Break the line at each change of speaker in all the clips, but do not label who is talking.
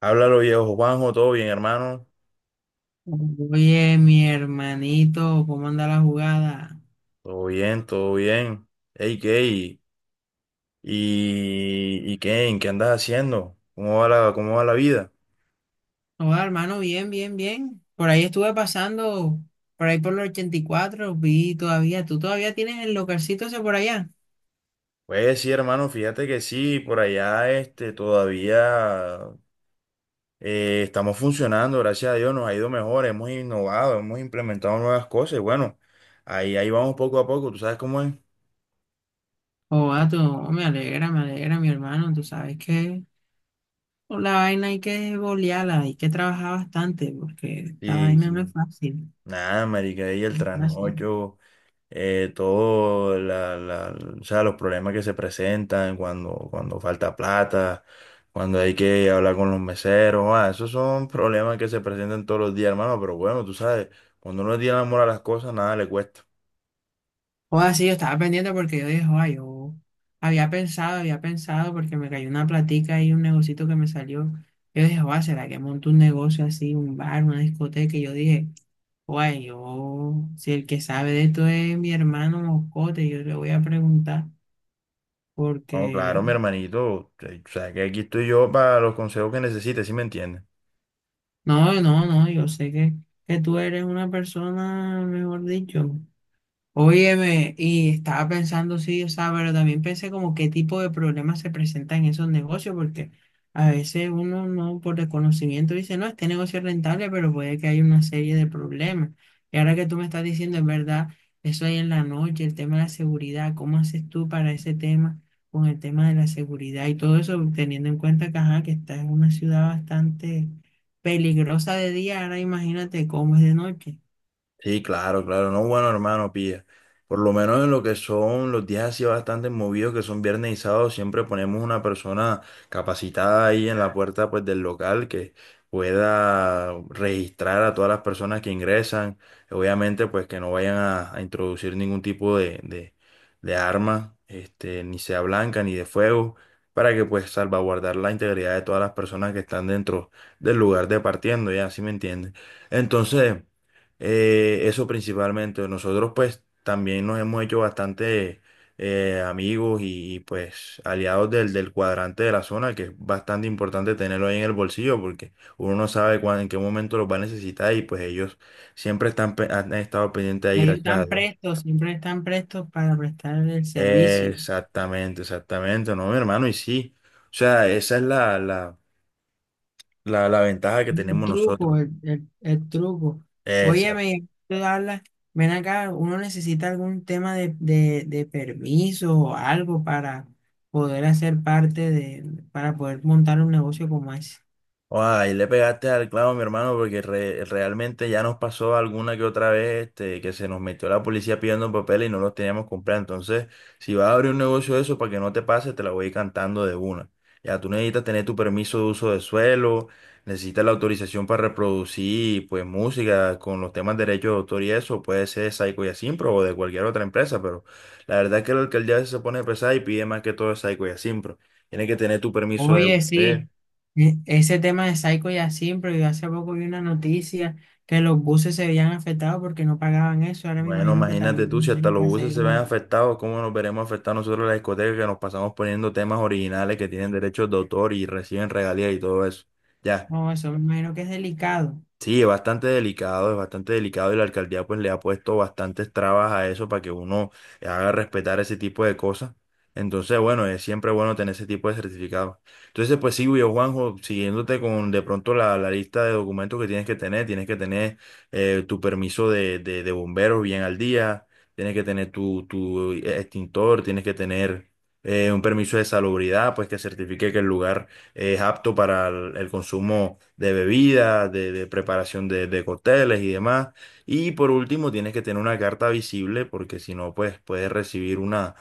Háblalo, viejo Juanjo, todo bien, hermano.
Oye, mi hermanito, ¿cómo anda la jugada?
Todo bien, todo bien. Hey, ¿qué? ¿Y qué? ¿En qué andas haciendo? ¿Cómo va la vida?
Hola, hermano, bien. Por ahí estuve pasando, por ahí por los 84 vi todavía, tú todavía tienes el localcito ese por allá.
Pues sí, hermano, fíjate que sí, por allá todavía estamos funcionando, gracias a Dios, nos ha ido mejor, hemos innovado, hemos implementado nuevas cosas. Y bueno, ahí vamos poco a poco, ¿tú sabes cómo es?
Oh Joda, tú, me alegra, mi hermano, tú sabes que con la vaina hay que bolearla, hay que trabajar bastante, porque esta
Sí,
vaina no es
sí.
fácil.
Nada, marica, y el
No es fácil.
trasnocho. eh, todo la, la- o sea, los problemas que se presentan cuando falta plata, cuando hay que hablar con los meseros, ah, esos son problemas que se presentan todos los días, hermano, pero bueno, tú sabes, cuando uno tiene amor a las cosas, nada le cuesta.
O así, yo estaba pendiente porque yo dije, ay, yo había pensado porque me cayó una platica y un negocito que me salió. Yo dije, oa, ¿será que monto un negocio así, un bar, una discoteca? Y yo dije, oa, yo, si el que sabe de esto es mi hermano Moscote, yo le voy a preguntar
No, claro,
porque,
mi hermanito, o sea, que aquí estoy yo para los consejos que necesites, ¿sí me entiendes?
no, yo sé que, tú eres una persona, mejor dicho. Óyeme, y estaba pensando, sí, o sea, pero también pensé como qué tipo de problemas se presentan en esos negocios, porque a veces uno no por desconocimiento dice, no, este negocio es rentable, pero puede que haya una serie de problemas. Y ahora que tú me estás diciendo, es verdad, eso ahí en la noche, el tema de la seguridad, ¿cómo haces tú para ese tema con el tema de la seguridad y todo eso, teniendo en cuenta que, ajá, que está en una ciudad bastante peligrosa de día, ahora imagínate cómo es de noche.
Sí, claro, claro. No, bueno, hermano, pilla. Por lo menos en lo que son los días así bastante movidos, que son viernes y sábado, siempre ponemos una persona capacitada ahí en la puerta pues del local que pueda registrar a todas las personas que ingresan. Obviamente, pues que no vayan a introducir ningún tipo de arma, ni sea blanca ni de fuego, para que pues salvaguardar la integridad de todas las personas que están dentro del lugar de partiendo, ya, ¿sí me entiendes? Entonces. Eso principalmente. Nosotros pues también nos hemos hecho bastante amigos y, pues aliados del cuadrante de la zona, que es bastante importante tenerlo ahí en el bolsillo porque uno no sabe cuándo, en qué momento los va a necesitar y pues ellos siempre están, han estado pendientes ahí,
Ellos
gracias a
están
Dios.
prestos, siempre están prestos para prestar el servicio.
Exactamente, exactamente, no, mi hermano, y sí. O sea, esa es la ventaja que
El
tenemos
truco,
nosotros.
el truco. Óyeme, tú hablas, ven acá, uno necesita algún tema de permiso o algo para poder hacer parte de, para poder montar un negocio como ese.
Guau, ahí le pegaste al clavo, mi hermano, porque realmente ya nos pasó alguna que otra vez que se nos metió la policía pidiendo papeles y no los teníamos comprado. Entonces, si vas a abrir un negocio de eso, para que no te pase, te la voy a ir cantando de una. Ya tú necesitas tener tu permiso de uso de suelo, necesitas la autorización para reproducir pues música con los temas de derechos de autor y eso, puede ser de Saico y Asimpro o de cualquier otra empresa, pero la verdad es que la alcaldía se pone pesada y pide más que todo de Saico y Asimpro. Tienes que tener tu permiso de...
Oye,
vender.
sí, ese tema de Psycho ya siempre, yo hace poco vi una noticia que los buses se habían afectado porque no pagaban eso. Ahora me
Bueno,
imagino que
imagínate tú, si
también
hasta
tienen
los
que
buses se ven
hacerlo.
afectados, ¿cómo nos veremos afectados nosotros las discotecas que nos pasamos poniendo temas originales que tienen derechos de autor y reciben regalías y todo eso? Ya.
No, eso me imagino que es delicado.
Sí, es bastante delicado y la alcaldía pues le ha puesto bastantes trabas a eso para que uno haga respetar ese tipo de cosas. Entonces, bueno, es siempre bueno tener ese tipo de certificados. Entonces, pues sí, yo, Juanjo, siguiéndote con de pronto la lista de documentos que tienes que tener tu permiso de bomberos bien al día, tienes que tener tu extintor, tienes que tener un permiso de salubridad, pues que certifique que el lugar es apto para el consumo de bebidas, de preparación de cócteles y demás. Y por último, tienes que tener una carta visible porque si no, pues puedes recibir una,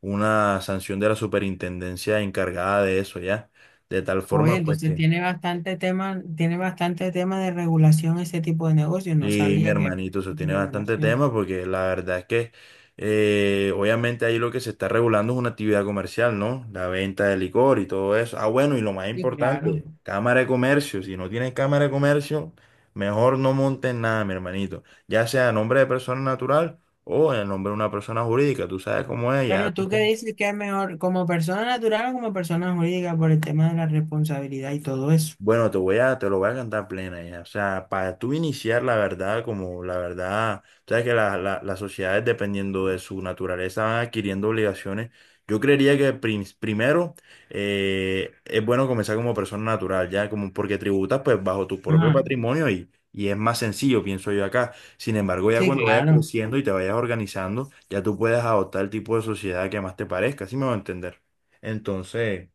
una sanción de la superintendencia encargada de eso, ¿ya? De tal
Oye,
forma, pues
entonces
que...
tiene bastante tema de regulación ese tipo de negocios. No
Sí, mi
sabía que
hermanito, eso
había
tiene bastante
regulación.
tema porque la verdad es que obviamente ahí lo que se está regulando es una actividad comercial, ¿no? La venta de licor y todo eso. Ah, bueno, y lo más
Sí, claro.
importante, cámara de comercio. Si no tienes cámara de comercio, mejor no montes nada, mi hermanito. Ya sea a nombre de persona natural o en nombre de una persona jurídica. Tú sabes cómo es,
Pero
ya.
tú qué dices que es mejor, ¿como persona natural o como persona jurídica, por el tema de la responsabilidad y todo eso?
Bueno, te voy a, te lo voy a cantar plena ya. O sea, para tú iniciar la verdad, como la verdad, sabes que las sociedades, dependiendo de su naturaleza, van adquiriendo obligaciones. Yo creería que primero es bueno comenzar como persona natural, ya, como porque tributas pues bajo tu propio
Ah,
patrimonio y es más sencillo, pienso yo acá. Sin embargo, ya
sí,
cuando vayas
claro.
creciendo y te vayas organizando, ya tú puedes adoptar el tipo de sociedad que más te parezca, ¿sí me va a entender? Entonces.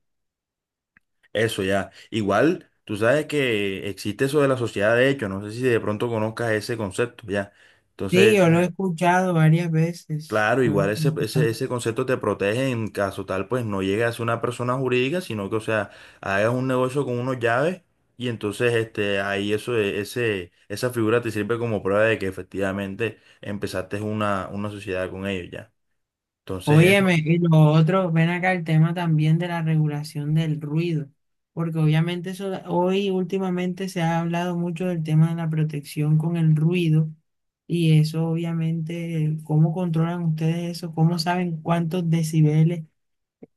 Eso ya. Igual, tú sabes que existe eso de la sociedad de hecho, no sé si de pronto conozcas ese concepto, ya.
Sí,
Entonces,
yo lo he
ajá.
escuchado varias veces.
Claro,
Lo he
igual ese, ese,
escuchado.
ese concepto te protege en caso tal, pues no llegue a ser una persona jurídica, sino que, o sea, hagas un negocio con unos llaves y entonces ahí eso, esa figura te sirve como prueba de que efectivamente empezaste una sociedad con ellos, ya. Entonces,
Óyeme,
eso,
y lo otro, ven acá el tema también de la regulación del ruido, porque obviamente eso, hoy últimamente se ha hablado mucho del tema de la protección con el ruido y eso obviamente, ¿cómo controlan ustedes eso? ¿Cómo saben cuántos decibeles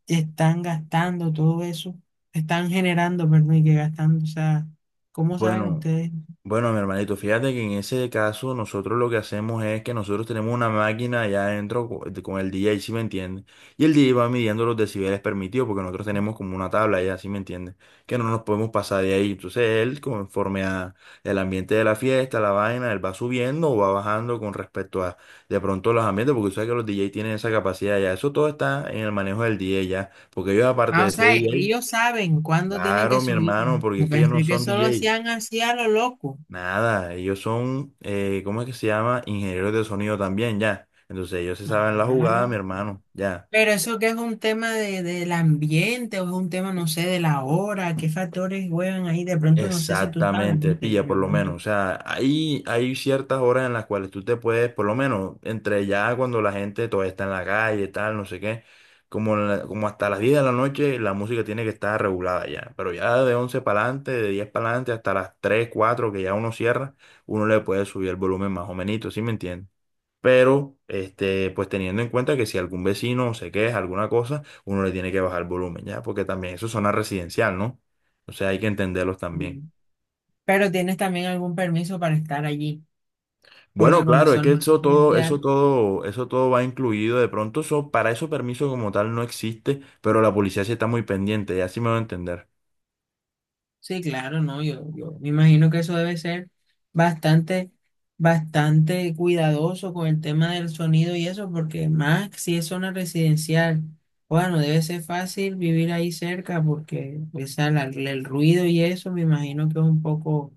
están gastando todo eso? Están generando, perdón, y que gastando, o sea, ¿cómo saben
bueno.
ustedes?
Bueno, mi hermanito, fíjate que en ese caso nosotros lo que hacemos es que nosotros tenemos una máquina allá adentro con el DJ, ¿si me entiendes? Y el DJ va midiendo los decibeles permitidos porque nosotros tenemos como una tabla allá, ¿si me entiendes? Que no nos podemos pasar de ahí. Entonces él, conforme a el ambiente de la fiesta, la vaina, él va subiendo o va bajando con respecto a de pronto los ambientes, porque tú sabes que los DJ tienen esa capacidad ya. Eso todo está en el manejo del DJ ya, porque ellos aparte
Ah, o
de ser
sea,
DJ,
ellos saben cuándo tienen que
claro, mi
subir.
hermano, porque
Yo
es que ellos no
pensé que
son
solo
DJ.
hacían así a lo loco.
Nada, ellos son, ¿cómo es que se llama? Ingenieros de sonido también, ya. Entonces ellos se saben la
Ajá.
jugada, mi hermano, ya.
Pero eso, ¿que es un tema de, del ambiente o es un tema, no sé, de la hora? ¿Qué factores juegan ahí? De pronto no sé si tú sabes,
Exactamente,
no te
pilla por lo menos.
pregunto.
O sea, hay ciertas horas en las cuales tú te puedes, por lo menos, entre ya cuando la gente todavía está en la calle, tal, no sé qué, como, como hasta las 10 de la noche la música tiene que estar regulada ya. Pero ya de 11 para adelante, de 10 para adelante, hasta las 3 4 que ya uno cierra, uno le puede subir el volumen más o menos, ¿sí me entiendes? Pero, pues teniendo en cuenta que si algún vecino se queja, alguna cosa, uno le tiene que bajar el volumen, ¿ya? Porque también eso es zona residencial, ¿no? O sea, hay que entenderlos también.
Bien. Pero tienes también algún permiso para estar allí,
Bueno,
porque como
claro, es que
son,
eso todo, eso todo, eso todo va incluido. De pronto, eso, para eso permiso como tal no existe, pero la policía sí está muy pendiente, ya sí me va a entender.
sí, claro, no, yo me imagino que eso debe ser bastante, bastante cuidadoso con el tema del sonido y eso, porque más si es zona residencial, bueno, debe ser fácil vivir ahí cerca porque esa, el ruido y eso me imagino que es un poco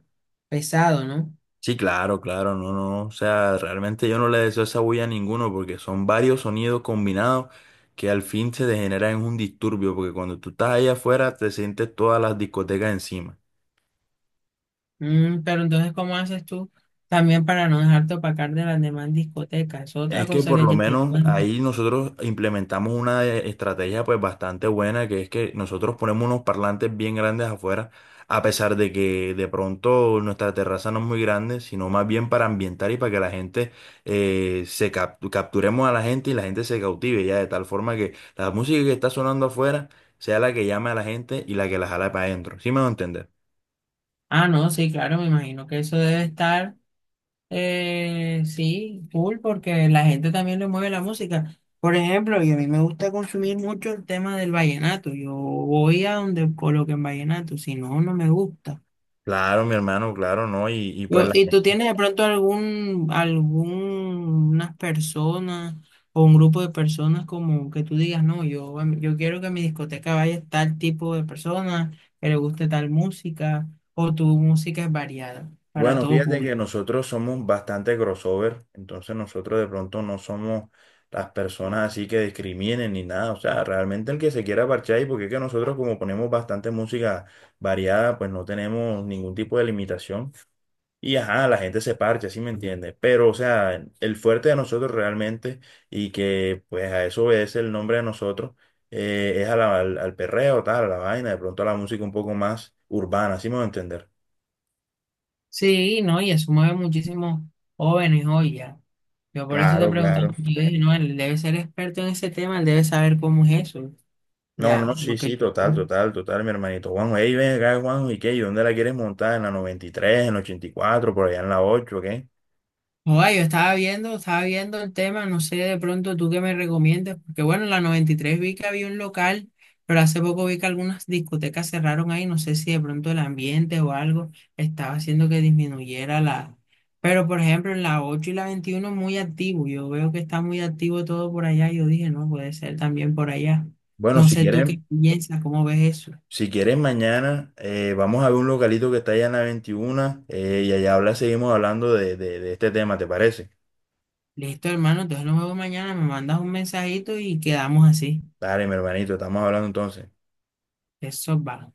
pesado, ¿no?
Sí, claro, claro, no, no, o sea, realmente yo no le deseo esa bulla a ninguno porque son varios sonidos combinados que al fin se degeneran en un disturbio porque cuando tú estás ahí afuera te sientes todas las discotecas encima.
Mm, pero entonces, ¿cómo haces tú también para no dejarte opacar de las demás discotecas? Es otra
Es que
cosa que
por
hay
lo
que tener en
menos
cuenta.
ahí nosotros implementamos una estrategia pues bastante buena, que es que nosotros ponemos unos parlantes bien grandes afuera, a pesar de que de pronto nuestra terraza no es muy grande, sino más bien para ambientar y para que la gente se capturemos a la gente y la gente se cautive ya, de tal forma que la música que está sonando afuera sea la que llame a la gente y la que la jale para adentro. ¿Sí me va a entender?
Ah, no, sí, claro, me imagino que eso debe estar. Sí, cool, porque la gente también le mueve la música. Por ejemplo, y a mí me gusta consumir mucho el tema del vallenato. Yo voy a donde coloquen vallenato, si no, no me gusta.
Claro, mi hermano, claro, ¿no? Y pues
¿Y tú tienes de pronto algún, algunas personas o un grupo de personas como que tú digas, no, yo, yo quiero que a mi discoteca vaya tal tipo de personas, que le guste tal música, o tu música es variada para
bueno,
todo
fíjate que
público?
nosotros somos bastante crossover, entonces nosotros de pronto no somos las personas así que discriminen ni nada, o sea, realmente el que se quiera parchar y porque es que nosotros como ponemos bastante música variada, pues no tenemos ningún tipo de limitación y ajá, la gente se parcha, ¿sí me entiendes? Pero o sea, el fuerte de nosotros realmente y que pues a eso obedece el nombre de nosotros es a al perreo, tal, a la vaina, de pronto a la música un poco más urbana, ¿sí me voy a entender?
Sí, no, y eso mueve muchísimos jóvenes hoy ya. Yo por eso te
Claro,
preguntaba,
claro.
porque yo dije, no, él debe ser experto en ese tema, él debe saber cómo es eso,
No,
ya,
no,
lo.
sí, sí, total, total, total, mi hermanito Juanjo. Ey, ven acá, Juanjo, ¿y qué? ¿Y dónde la quieres montar? ¿En la 93, en la 84, por allá en la 8, qué?
Joder, estaba viendo el tema, no sé de pronto tú qué me recomiendas, porque bueno, en la 93 vi que había un local, pero hace poco vi que algunas discotecas cerraron ahí, no sé si de pronto el ambiente o algo estaba haciendo que disminuyera la... Pero por ejemplo, en la 8 y la 21 muy activo, yo veo que está muy activo todo por allá, yo dije, no, puede ser también por allá.
Bueno,
No
si
sé tú qué
quieren,
piensas, cómo ves eso.
si quieren mañana, vamos a ver un localito que está allá en la 21, y allá habla, seguimos hablando de este tema, ¿te parece?
Listo, hermano, entonces nos vemos mañana, me mandas un mensajito y quedamos así.
Dale, mi hermanito, estamos hablando entonces.
Eso va.